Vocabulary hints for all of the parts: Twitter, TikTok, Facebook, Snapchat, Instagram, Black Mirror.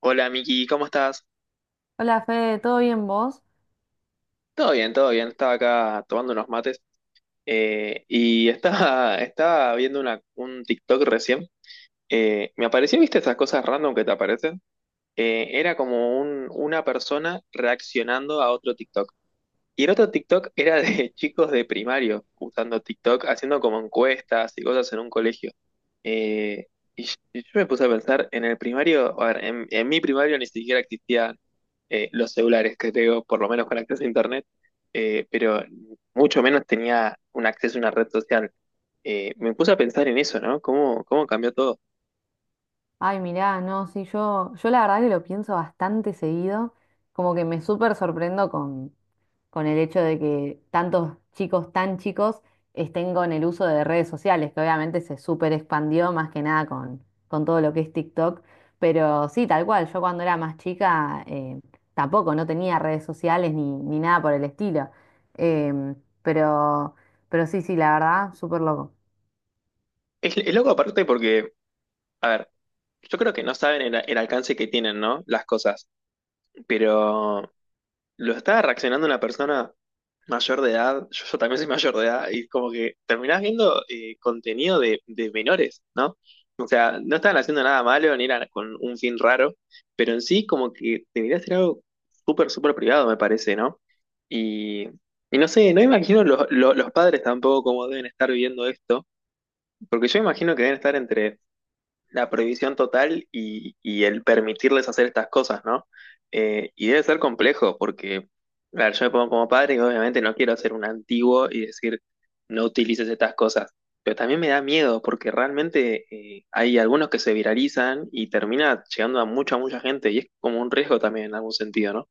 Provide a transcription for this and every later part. Hola Miki, ¿cómo estás? Hola Fede, ¿todo bien vos? Todo bien, todo bien. Estaba acá tomando unos mates, y estaba, estaba viendo un TikTok recién. Me apareció, ¿viste esas cosas random que te aparecen? Era como una persona reaccionando a otro TikTok. Y el otro TikTok era de chicos de primario usando TikTok, haciendo como encuestas y cosas en un colegio. Eh, y yo me puse a pensar, en el primario, a ver, en mi primario ni siquiera existían, los celulares, que tengo, por lo menos con acceso a internet, pero mucho menos tenía un acceso a una red social. Me puse a pensar en eso, ¿no? Cómo cambió todo? Ay, mirá, no, sí, yo la verdad que lo pienso bastante seguido, como que me súper sorprendo con el hecho de que tantos chicos tan chicos estén con el uso de redes sociales, que obviamente se súper expandió más que nada con, con todo lo que es TikTok. Pero sí, tal cual, yo cuando era más chica tampoco, no tenía redes sociales ni, ni nada por el estilo. Em, pero, pero sí, sí, la verdad, súper loco. Es loco aparte porque, a ver, yo creo que no saben el alcance que tienen, ¿no? Las cosas, pero lo estaba reaccionando una persona mayor de edad, yo también soy mayor de edad, y como que terminás viendo contenido de menores, ¿no? O sea, no estaban haciendo nada malo, ni era con un fin raro, pero en sí como que debería ser algo súper, súper privado, me parece, ¿no? Y, y no sé, no imagino los padres tampoco cómo deben estar viviendo esto, porque yo imagino que deben estar entre la prohibición total y el permitirles hacer estas cosas, ¿no? Y debe ser complejo porque, a ver, yo me pongo como padre y obviamente no quiero ser un antiguo y decir, no utilices estas cosas. Pero también me da miedo porque realmente hay algunos que se viralizan y termina llegando a mucha, mucha gente y es como un riesgo también en algún sentido, ¿no?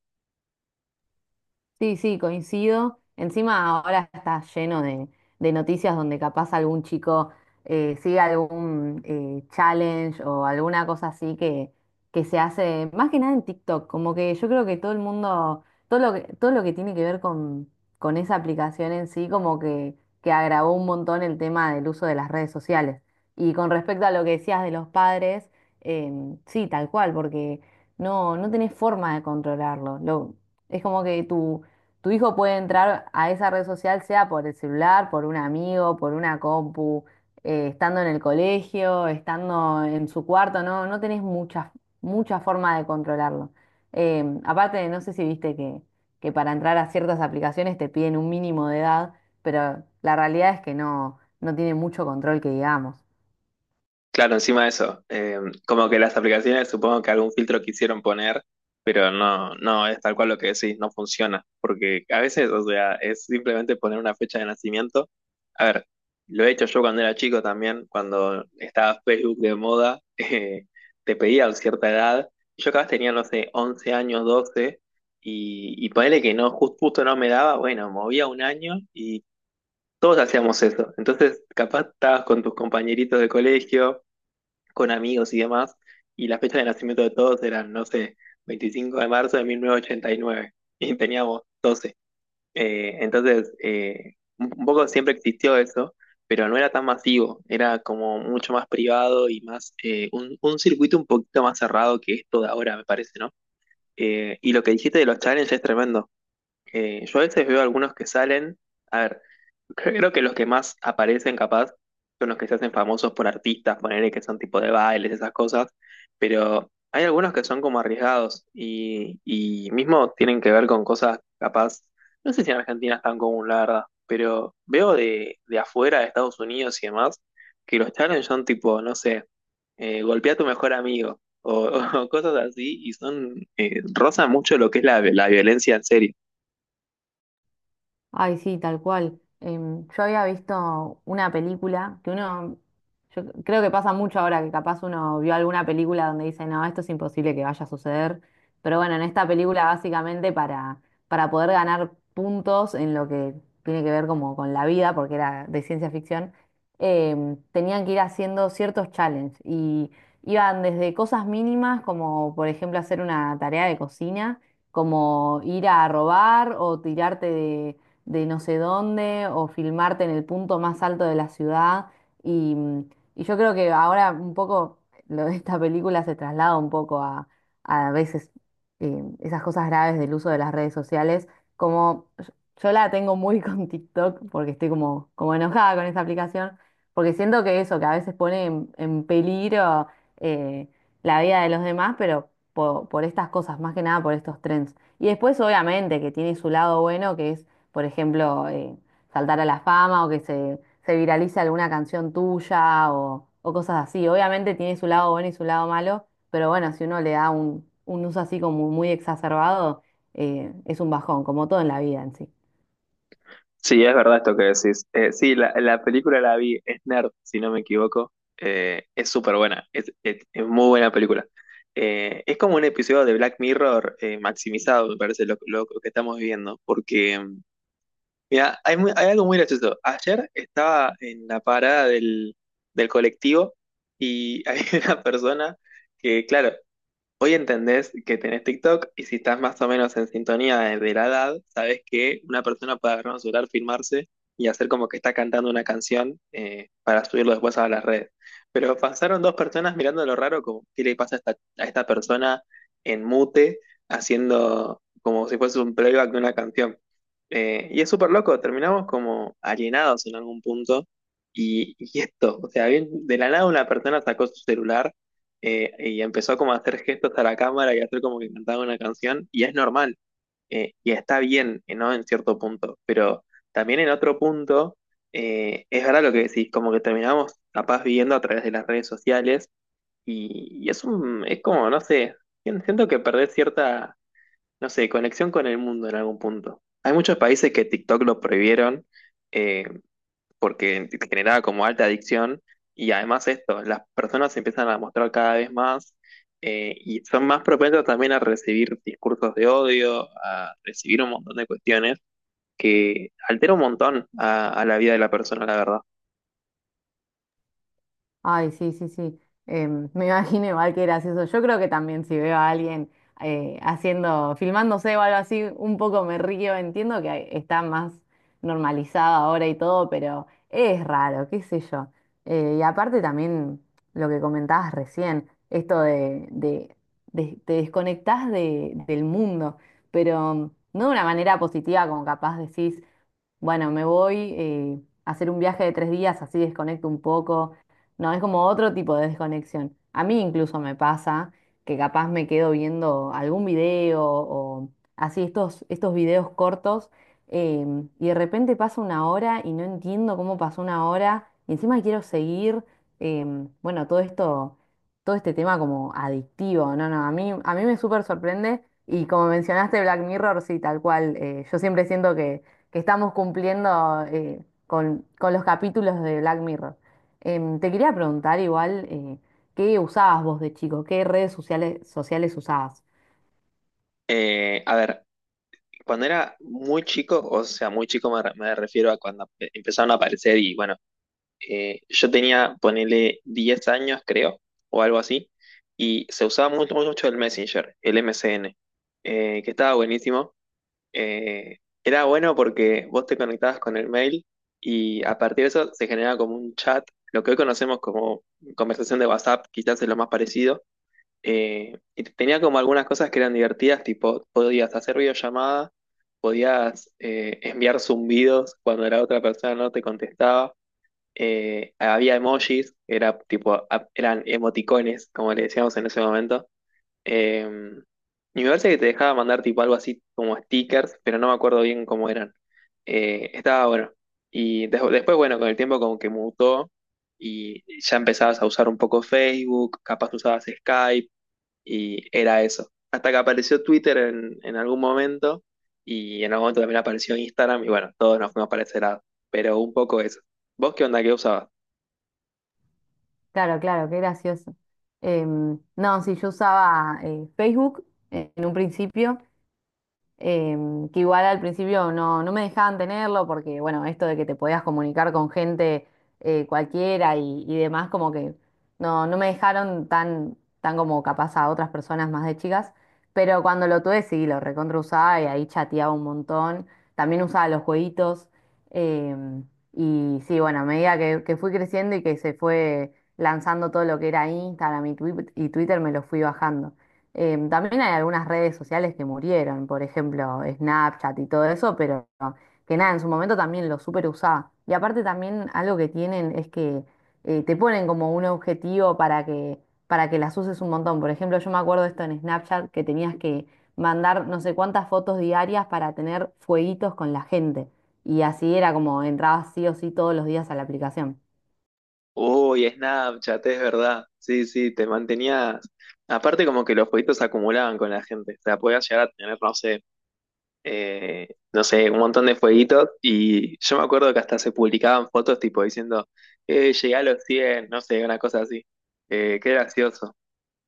Sí, sí, coincido. Encima ahora está lleno de noticias donde capaz algún chico sigue algún challenge o alguna cosa así que se hace, más que nada en TikTok, como que yo creo que todo el mundo, todo lo que tiene que ver con esa aplicación en sí, como que agravó un montón el tema del uso de las redes sociales. Y con respecto a lo que decías de los padres, sí, tal cual, porque no, no tenés forma de controlarlo. Es como que tu hijo puede entrar a esa red social, sea por el celular, por un amigo, por una compu, estando en el colegio, estando en su cuarto, no, no tenés mucha, mucha forma de controlarlo. Aparte, no sé si viste que para entrar a ciertas aplicaciones te piden un mínimo de edad, pero la realidad es que no, no tiene mucho control que digamos. Claro, encima de eso, como que las aplicaciones supongo que algún filtro quisieron poner, pero no, no es tal cual lo que decís, no funciona, porque a veces, o sea, es simplemente poner una fecha de nacimiento. A ver, lo he hecho yo cuando era chico también, cuando estaba Facebook de moda, te pedía cierta edad, yo cada vez tenía, no sé, 11 años, 12, y ponele que no, justo no me daba, bueno, movía un año y todos hacíamos eso. Entonces, capaz estabas con tus compañeritos de colegio con amigos y demás, y la fecha de nacimiento de todos eran, no sé, 25 de marzo de 1989, y nueve, y teníamos 12. Entonces, un poco siempre existió eso, pero no era tan masivo, era como mucho más privado y más un circuito un poquito más cerrado que esto de ahora, me parece, ¿no? Y lo que dijiste de los challenges es tremendo. Yo a veces veo algunos que salen, a ver, creo que los que más aparecen capaz son los que se hacen famosos por artistas, ponerle que son tipo de bailes, esas cosas, pero hay algunos que son como arriesgados y mismo tienen que ver con cosas capaz, no sé si en Argentina es tan común, la verdad, pero veo de afuera, de Estados Unidos y demás, que los challenge son tipo, no sé, golpea a tu mejor amigo o, o cosas así y son, rozan mucho lo que es la violencia en serio. Ay, sí, tal cual. Yo había visto una película que uno, yo creo que pasa mucho ahora que capaz uno vio alguna película donde dice, no, esto es imposible que vaya a suceder. Pero bueno, en esta película básicamente para poder ganar puntos en lo que tiene que ver como con la vida, porque era de ciencia ficción, tenían que ir haciendo ciertos challenges, y iban desde cosas mínimas como por ejemplo hacer una tarea de cocina, como ir a robar o tirarte de no sé dónde o filmarte en el punto más alto de la ciudad. Y, y yo creo que ahora un poco lo de esta película se traslada un poco a veces esas cosas graves del uso de las redes sociales, como yo la tengo muy con TikTok porque estoy como, como enojada con esa aplicación, porque siento que eso, que a veces pone en peligro eh, la vida de los demás, pero por, estas cosas, más que nada por estos trends. Y después obviamente que tiene su lado bueno, que es por ejemplo, saltar a la fama o que se viralice alguna canción tuya o cosas así. Obviamente tiene su lado bueno y su lado malo, pero bueno, si uno le da un uso así como muy exacerbado, es un bajón, como todo en la vida en sí. Sí, es verdad esto que decís. Sí, la película la vi, es Nerd, si no me equivoco. Es súper buena, es muy buena película. Es como un episodio de Black Mirror maximizado, me parece, lo que estamos viviendo. Porque, mira, hay algo muy gracioso. Ayer estaba en la parada del colectivo y hay una persona que, claro, hoy entendés que tenés TikTok y si estás más o menos en sintonía de la edad, sabés que una persona puede agarrar un celular, filmarse y hacer como que está cantando una canción, para subirlo después a las redes. Pero pasaron dos personas mirando lo raro, como qué le pasa a esta persona en mute, haciendo como si fuese un playback de una canción. Y es súper loco, terminamos como alienados en algún punto. Y esto, o sea, bien, de la nada una persona sacó su celular, y empezó como a hacer gestos a la cámara y a hacer como que cantaba una canción, y es normal, y está bien, ¿no? En cierto punto, pero también en otro punto, es verdad lo que decís, como que terminamos capaz viviendo a través de las redes sociales, y es un, es como, no sé, siento que perdés cierta, no sé, conexión con el mundo en algún punto. Hay muchos países que TikTok lo prohibieron, eh, porque te generaba como alta adicción y además esto, las personas se empiezan a mostrar cada vez más, y son más propensas también a recibir discursos de odio, a recibir un montón de cuestiones que altera un montón a la vida de la persona, la verdad. Ay, sí, sí, sí. Me imagino igual que gracioso. Yo creo que también si veo a alguien haciendo, filmándose o algo así, un poco me río. Entiendo que está más normalizado ahora y todo, pero es raro, qué sé yo. Y aparte también lo que comentabas recién, esto de, te desconectás de- del mundo, pero no de una manera positiva como capaz decís, bueno, me voy a hacer un viaje de tres días, así desconecto un poco. No, es como otro tipo de desconexión. A mí incluso me pasa que capaz me quedo viendo algún video o así estos, estos videos cortos, y de repente pasa una hora y no entiendo cómo pasó una hora y encima quiero seguir. Bueno, todo esto, todo este tema como adictivo, no, no, a mí me súper sorprende, y como mencionaste Black Mirror, sí, tal cual, yo siempre siento que estamos cumpliendo con los capítulos de Black Mirror. Te quería preguntar igual, ¿qué usabas vos de chico? ¿Qué redes sociales usabas? A ver, cuando era muy chico, o sea, muy chico me, me refiero a cuando empezaron a aparecer y bueno, yo tenía, ponele 10 años, creo, o algo así, y se usaba mucho, mucho el Messenger, el MSN, que estaba buenísimo. Eh, Era bueno porque vos te conectabas con el mail y a partir de eso se generaba como un chat, lo que hoy conocemos como conversación de WhatsApp, quizás es lo más parecido. Y tenía como algunas cosas que eran divertidas, tipo podías hacer videollamada, podías enviar zumbidos cuando la otra persona no te contestaba, había emojis, era tipo, eran emoticones, como le decíamos en ese momento. eh, y me parece que te dejaba mandar tipo algo así como stickers, pero no me acuerdo bien cómo eran. Estaba bueno. Y después, bueno, con el tiempo como que mutó y ya empezabas a usar un poco Facebook, capaz usabas Skype y era eso. Hasta que apareció Twitter en algún momento y en algún momento también apareció Instagram y bueno, todos nos fuimos para ese lado. Pero un poco eso. ¿Vos qué onda? ¿Qué usabas? Claro, claro, qué gracioso. No, sí, yo usaba Facebook en un principio. Que igual al principio no, no me dejaban tenerlo porque, bueno, esto de que te podías comunicar con gente cualquiera y demás, como que no, no me dejaron tan, tan como capaz a otras personas más de chicas, pero cuando lo tuve sí, lo recontra usaba y ahí chateaba un montón, también usaba los jueguitos. em, y sí, bueno, a medida que fui creciendo y que se fue lanzando todo lo que era Instagram y y Twitter, me lo fui bajando. También hay algunas redes sociales que murieron, por ejemplo, Snapchat y todo eso, pero que nada, en su momento también lo super usaba. Y aparte también algo que tienen es que te ponen como un objetivo para que las uses un montón. Por ejemplo, yo me acuerdo esto en Snapchat que tenías que mandar no sé cuántas fotos diarias para tener fueguitos con la gente. Y así era como entrabas sí o sí todos los días a la aplicación. Uy, Snapchat, es verdad. Sí, sí, te mantenías. Aparte, como que los jueguitos se acumulaban con la gente. O sea, podías llegar a tener, no sé, eh, no sé, un montón de jueguitos. Y yo me acuerdo que hasta se publicaban fotos tipo diciendo, llegué a los 100 no sé, una cosa así. Qué gracioso.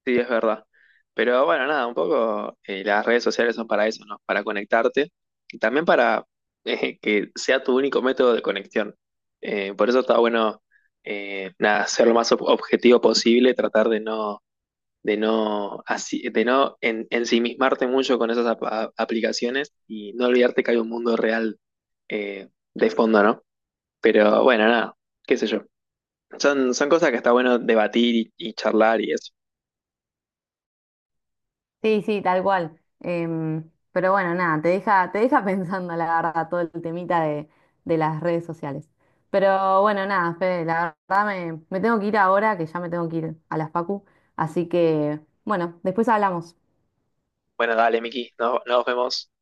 Sí, es verdad. Pero bueno, nada, un poco las redes sociales son para eso, ¿no? Para conectarte y también para que sea tu único método de conexión. Por eso está bueno, nada, ser lo más objetivo posible, tratar de no, así, de no ensimismarte mucho con esas aplicaciones y no olvidarte que hay un mundo real, eh, de fondo, ¿no? Pero bueno, nada, qué sé yo. Son cosas que está bueno debatir y charlar y eso. Sí, sí, tal cual. Pero bueno, nada, te deja pensando, la verdad, todo el temita de las redes sociales. Pero bueno, nada, Fede, la verdad me, me tengo que ir ahora, que ya me tengo que ir a las Facu. Así que, bueno, después hablamos. Bueno, dale, Miki, nos vemos.